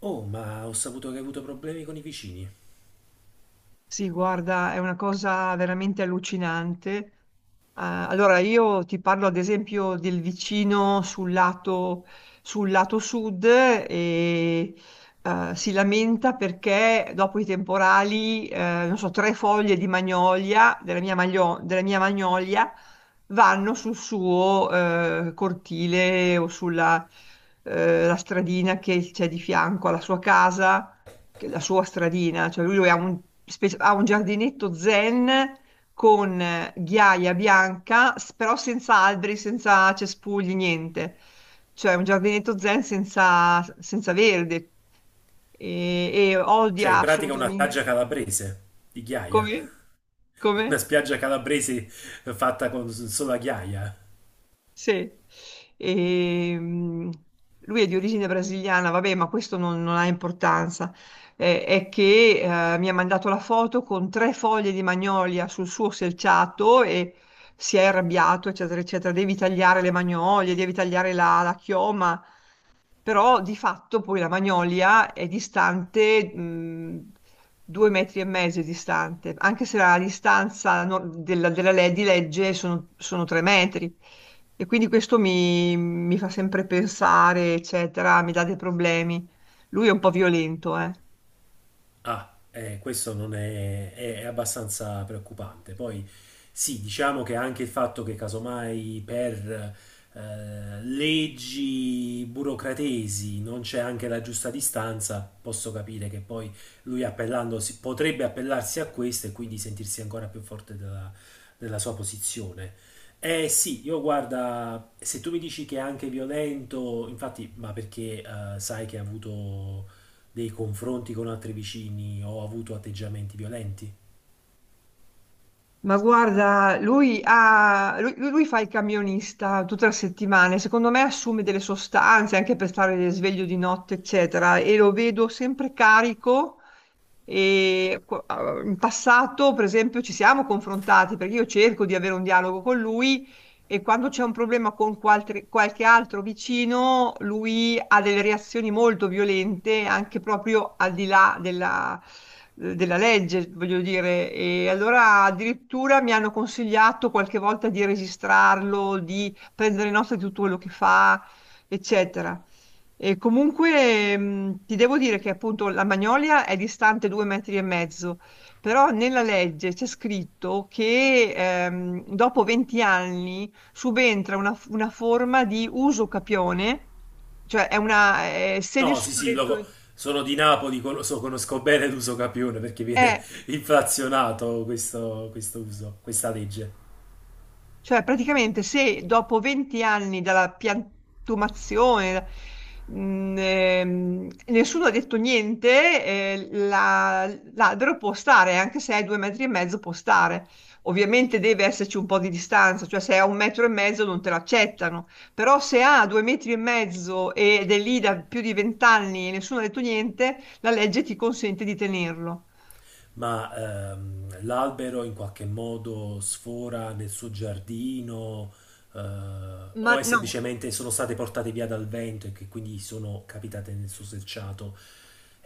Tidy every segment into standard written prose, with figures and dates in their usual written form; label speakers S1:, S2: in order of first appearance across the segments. S1: Oh, ma ho saputo che hai avuto problemi con i vicini.
S2: Sì, guarda, è una cosa veramente allucinante. Allora, io ti parlo ad esempio del vicino sul lato sud e si lamenta perché dopo i temporali, non so, tre foglie di magnolia, della mia magnolia, vanno sul suo cortile o sulla la stradina che c'è di fianco alla sua casa la sua stradina. Cioè lui ha un giardinetto zen con ghiaia bianca, però senza alberi, senza cespugli, niente. Cioè un giardinetto zen senza verde, e
S1: Cioè,
S2: odia
S1: in pratica una
S2: assolutamente.
S1: spiaggia calabrese di ghiaia.
S2: Come?
S1: Una
S2: Come?
S1: spiaggia calabrese fatta con solo la ghiaia.
S2: Sì. Ehm, Lui è di origine brasiliana, vabbè, ma questo non ha importanza. È che mi ha mandato la foto con tre foglie di magnolia sul suo selciato e si è arrabbiato, eccetera, eccetera. Devi tagliare le magnolie, devi tagliare la chioma. Però di fatto poi la Magnolia è distante, 2 metri e mezzo è distante, anche se la distanza di legge sono 3 metri. E quindi questo mi fa sempre pensare, eccetera, mi dà dei problemi. Lui è un po' violento, eh.
S1: Ah, questo non è, è abbastanza preoccupante. Poi sì, diciamo che anche il fatto che casomai per leggi burocratesi non c'è anche la giusta distanza, posso capire che poi lui appellandosi potrebbe appellarsi a questo e quindi sentirsi ancora più forte della sua posizione. Eh sì, io guarda, se tu mi dici che è anche violento, infatti, ma perché sai che ha avuto dei confronti con altri vicini o ha avuto atteggiamenti violenti?
S2: Ma guarda, lui, ha- lui- lui fa il camionista tutte le settimane, secondo me assume delle sostanze anche per stare sveglio di notte, eccetera, e lo vedo sempre carico. In passato, per esempio, ci siamo confrontati perché io cerco di avere un dialogo con lui e quando c'è un problema con qualche altro vicino, lui ha delle reazioni molto violente, anche proprio al di là della legge, voglio dire. E allora addirittura mi hanno consigliato qualche volta di registrarlo, di prendere nota di tutto quello che fa, eccetera. E comunque ti devo dire che appunto la Magnolia è distante 2 metri e mezzo, però nella legge c'è scritto che dopo 20 anni subentra una forma di uso capione, cioè è se
S1: No, sì,
S2: nessuno ha
S1: sì,
S2: detto.
S1: sono di Napoli, conosco bene l'uso capione perché viene
S2: eh,
S1: inflazionato questo, questo uso, questa legge.
S2: Cioè, praticamente se dopo 20 anni dalla piantumazione nessuno ha detto niente, l'albero può stare, anche se è 2 metri e mezzo può stare. Ovviamente deve esserci un po' di distanza, cioè se è a 1 metro e mezzo non te l'accettano, però se ha 2 metri e mezzo ed è lì da più di 20 anni e nessuno ha detto niente, la legge ti consente di tenerlo.
S1: Ma l'albero in qualche modo sfora nel suo giardino, eh,
S2: Ma
S1: o è
S2: no.
S1: semplicemente sono state portate via dal vento e che quindi sono capitate nel suo selciato.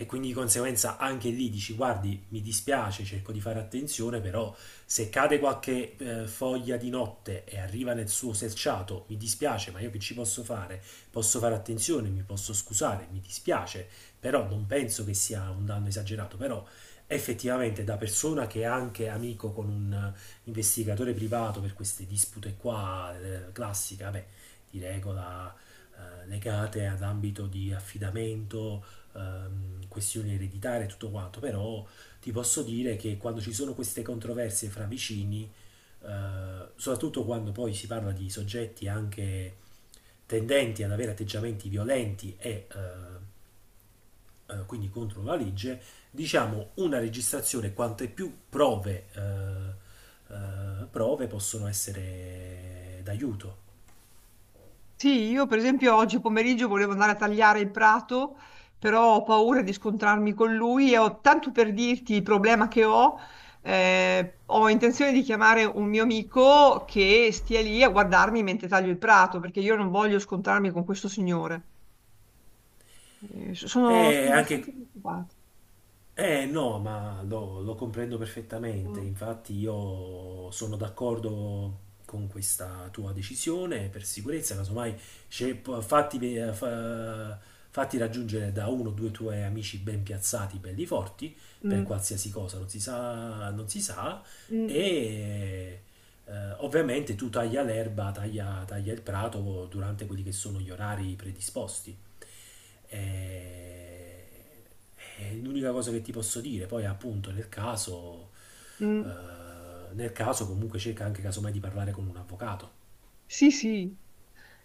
S1: E quindi di conseguenza anche lì dici: guardi, mi dispiace, cerco di fare attenzione, però se cade qualche foglia di notte e arriva nel suo selciato, mi dispiace, ma io che ci posso fare? Posso fare attenzione, mi posso scusare, mi dispiace, però non penso che sia un danno esagerato, però effettivamente da persona che è anche amico con un investigatore privato per queste dispute qua, classiche, vabbè, di regola legate ad ambito di affidamento, questioni ereditarie e tutto quanto, però ti posso dire che quando ci sono queste controversie fra vicini, soprattutto quando poi si parla di soggetti anche tendenti ad avere atteggiamenti violenti e quindi contro la legge, diciamo una registrazione quante più prove, prove possono essere d'aiuto.
S2: Sì, io per esempio oggi pomeriggio volevo andare a tagliare il prato, però ho paura di scontrarmi con lui e ho tanto per dirti il problema che ho, ho intenzione di chiamare un mio amico che stia lì a guardarmi mentre taglio il prato, perché io non voglio scontrarmi con questo signore. Eh, so, sono,
S1: E
S2: sono
S1: anche
S2: abbastanza preoccupata.
S1: eh no, ma lo comprendo perfettamente,
S2: Mm,
S1: infatti io sono d'accordo con questa tua decisione per sicurezza, casomai fatti, fatti raggiungere da uno o due tuoi amici ben piazzati, belli forti, per
S2: mm,
S1: qualsiasi cosa, non si sa, non si sa,
S2: mm,
S1: e ovviamente tu taglia l'erba, taglia, taglia il prato durante quelli che sono gli orari predisposti. E- è l'unica cosa che ti posso dire. Poi, appunto,
S2: mm.
S1: nel caso comunque cerca anche casomai di parlare con un avvocato.
S2: Sì, sì.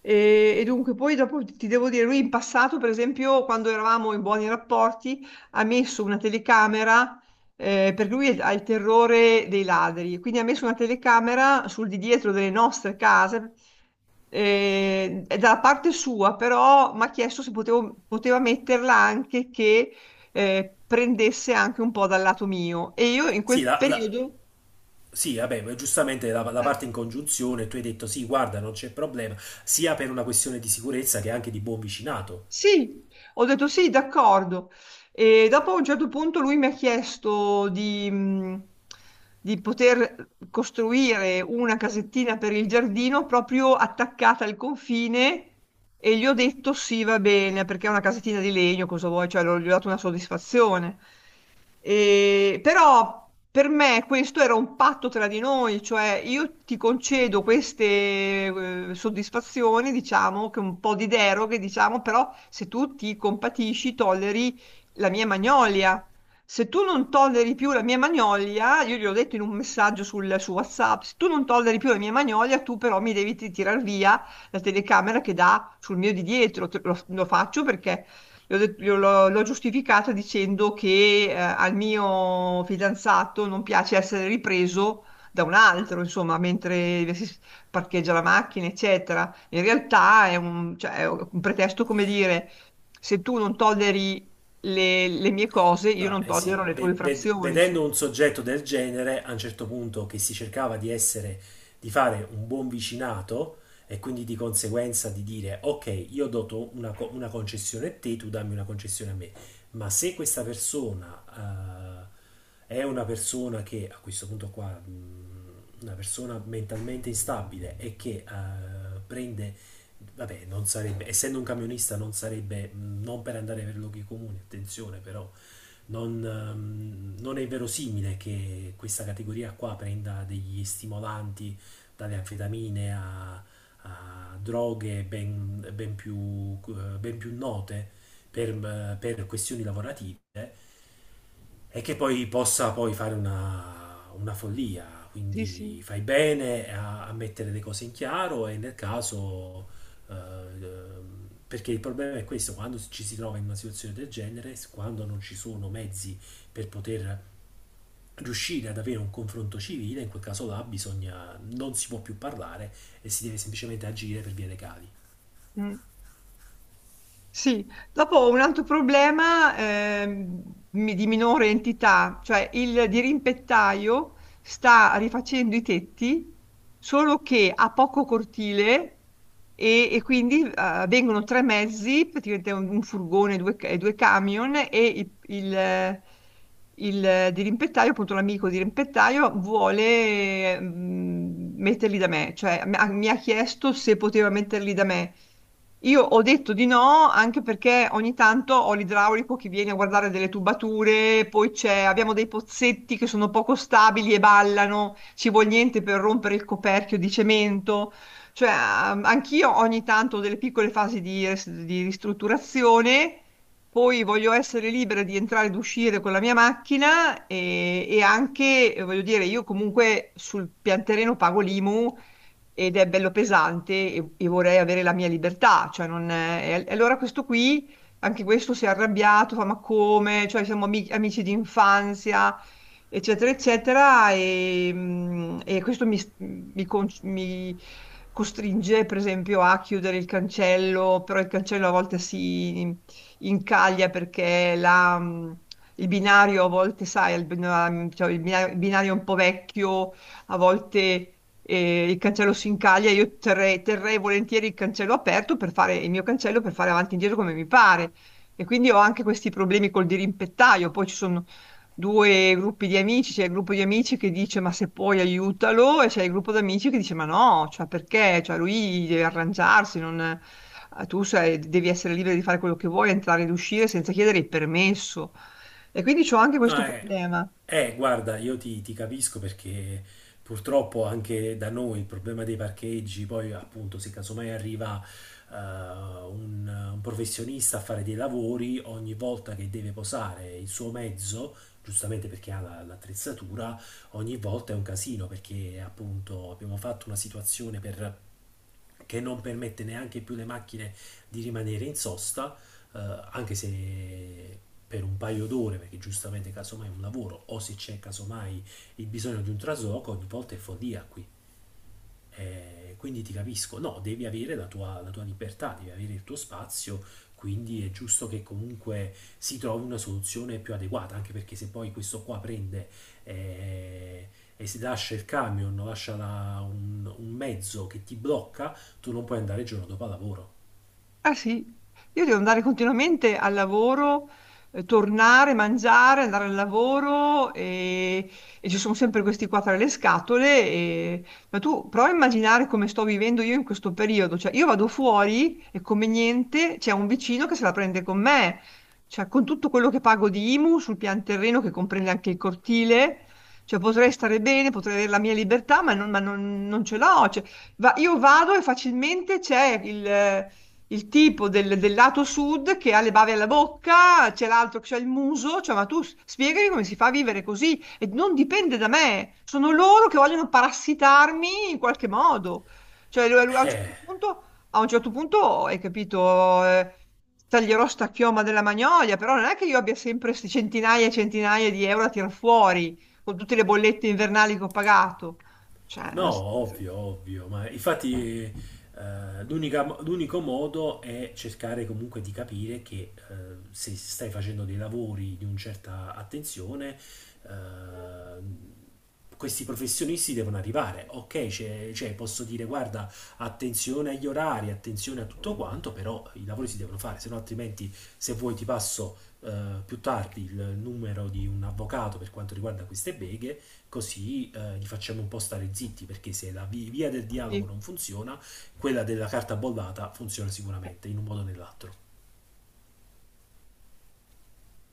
S2: E dunque, poi dopo ti devo dire, lui in passato, per esempio, quando eravamo in buoni rapporti, ha messo una telecamera, perché lui ha il terrore dei ladri, quindi ha messo una telecamera sul di dietro delle nostre case, e dalla parte sua, però mi ha chiesto se poteva metterla anche che prendesse anche un po' dal lato mio. E io in
S1: Sì,
S2: quel periodo.
S1: sì, vabbè, ma giustamente la
S2: eh,
S1: parte in congiunzione, tu hai detto sì, guarda, non c'è problema, sia per una questione di sicurezza che anche di buon vicinato.
S2: Sì, ho detto sì, d'accordo. E dopo a un certo punto lui mi ha chiesto di poter costruire una casettina per il giardino proprio attaccata al confine e gli ho detto sì, va bene, perché è una casettina di legno, cosa vuoi? Cioè, gli ho dato una soddisfazione. E- però per me questo era un patto tra di noi, cioè io ti concedo queste soddisfazioni, diciamo, che un po' di deroghe, diciamo, però se tu ti compatisci, tolleri la mia magnolia. Se tu non tolleri più la mia magnolia, io gli ho detto in un messaggio su WhatsApp, se tu non tolleri più la mia magnolia, tu però mi devi tirare via la telecamera che dà sul mio di dietro. Lo faccio perché L'ho det- io l'ho- l'ho giustificato dicendo che al mio fidanzato non piace essere ripreso da un altro, insomma, mentre si parcheggia la macchina, eccetera. In realtà cioè, è un pretesto come dire, se tu non tolleri le mie cose, io
S1: No,
S2: non
S1: eh sì,
S2: tollero le tue infrazioni,
S1: vedendo
S2: insomma.
S1: un soggetto del genere, a un certo punto che si cercava di essere, di fare un buon vicinato e quindi di conseguenza di dire, ok, io do una, una concessione a te, tu dammi una concessione a me, ma se questa persona è una persona che, a questo punto qua, una persona mentalmente instabile e che prende, vabbè, non sarebbe, essendo un camionista non sarebbe, non per andare per luoghi comuni, attenzione però non, non è verosimile che questa categoria qua prenda degli stimolanti dalle anfetamine a, a droghe ben, ben più note per, per questioni lavorative e che poi possa poi fare una follia.
S2: Sì,
S1: Quindi
S2: sì.
S1: fai bene a, a mettere le cose in chiaro e nel caso, eh, perché il problema è questo, quando ci si trova in una situazione del genere, quando non ci sono mezzi per poter riuscire ad avere un confronto civile, in quel caso là bisogna, non si può più parlare e si deve semplicemente agire per vie legali.
S2: Mm. Sì, dopo un altro problema di minore entità, cioè il dirimpettaio sta rifacendo i tetti, solo che ha poco cortile e quindi vengono tre mezzi, praticamente un furgone e due camion e il dirimpettaio, appunto l'amico dirimpettaio, vuole metterli da me, cioè mi ha chiesto se poteva metterli da me. Io ho detto di no anche perché ogni tanto ho l'idraulico che viene a guardare delle tubature, poi c'è, abbiamo dei pozzetti che sono poco stabili e ballano, ci vuole niente per rompere il coperchio di cemento. Cioè, anch'io ogni tanto ho delle piccole fasi di ristrutturazione, poi voglio essere libera di entrare ed uscire con la mia macchina e anche, voglio dire, io comunque sul pianterreno pago l'IMU ed è bello pesante e vorrei avere la mia libertà, cioè non è. E allora questo qui, anche questo si è arrabbiato, fa ma come, cioè siamo amici di infanzia, eccetera, eccetera, e questo mi costringe, per esempio, a chiudere il cancello, però il cancello a volte si incaglia perché la. Il binario a volte, sai, il bina- cioè il bina- il binario è un po' vecchio, a volte e il cancello si incaglia, io terrei volentieri il cancello aperto per fare il mio cancello per fare avanti e indietro come mi pare. E quindi ho anche questi problemi col dirimpettaio. Poi ci sono due gruppi di amici, c'è il gruppo di amici che dice ma se puoi aiutalo e c'è il gruppo di amici che dice ma no, cioè perché? Cioè lui deve arrangiarsi, non. Devi essere libero di fare quello che vuoi, entrare ed uscire senza chiedere il permesso. E quindi ho anche questo
S1: Ah,
S2: problema.
S1: guarda, io ti, ti capisco perché purtroppo anche da noi il problema dei parcheggi, poi appunto se casomai arriva un professionista a fare dei lavori, ogni volta che deve posare il suo mezzo, giustamente perché l'attrezzatura, ogni volta è un casino perché appunto abbiamo fatto una situazione per che non permette neanche più alle macchine di rimanere in sosta, eh, anche se per un paio d'ore, perché giustamente casomai è un lavoro, o se c'è casomai il bisogno di un trasloco, ogni volta è follia qui. Quindi ti capisco, no, devi avere la tua libertà, devi avere il tuo spazio, quindi è giusto che comunque si trovi una soluzione più adeguata, anche perché se poi questo qua prende eh, e si lascia il camion, un mezzo che ti blocca, tu non puoi andare il giorno dopo al lavoro.
S2: Ah sì, io devo andare continuamente al lavoro, tornare, mangiare, andare al lavoro e ci sono sempre questi qua tra le scatole. Ma tu prova a immaginare come sto vivendo io in questo periodo. Cioè, io vado fuori e come niente c'è un vicino che se la prende con me. Cioè, con tutto quello che pago di IMU sul pian terreno che comprende anche il cortile, cioè, potrei stare bene, potrei avere la mia libertà, ma non ce l'ho. Cioè, io vado e facilmente c'è il tipo del lato sud che ha le bave alla bocca, c'è l'altro che ha il muso, cioè ma tu spiegami come si fa a vivere così e non dipende da me, sono loro che vogliono parassitarmi in qualche modo. Cioè lui a un certo
S1: Eh,
S2: punto, hai capito, taglierò sta chioma della Magnolia, però non è che io abbia sempre queste centinaia e centinaia di euro a tirar fuori con tutte le bollette invernali che ho pagato. Cioè, è
S1: No,
S2: una situazione.
S1: ovvio, ovvio, ma infatti eh, l'unico modo è cercare comunque di capire che se stai facendo dei lavori di una certa attenzione, eh, questi professionisti devono arrivare. Ok, cioè, posso dire guarda, attenzione agli orari, attenzione a tutto quanto, però i lavori si devono fare, se no altrimenti se vuoi ti passo più tardi il numero di un avvocato per quanto riguarda queste beghe così li facciamo un po' stare zitti, perché se via del dialogo
S2: Sì.
S1: non funziona, quella della carta bollata funziona sicuramente, in un modo o nell'altro.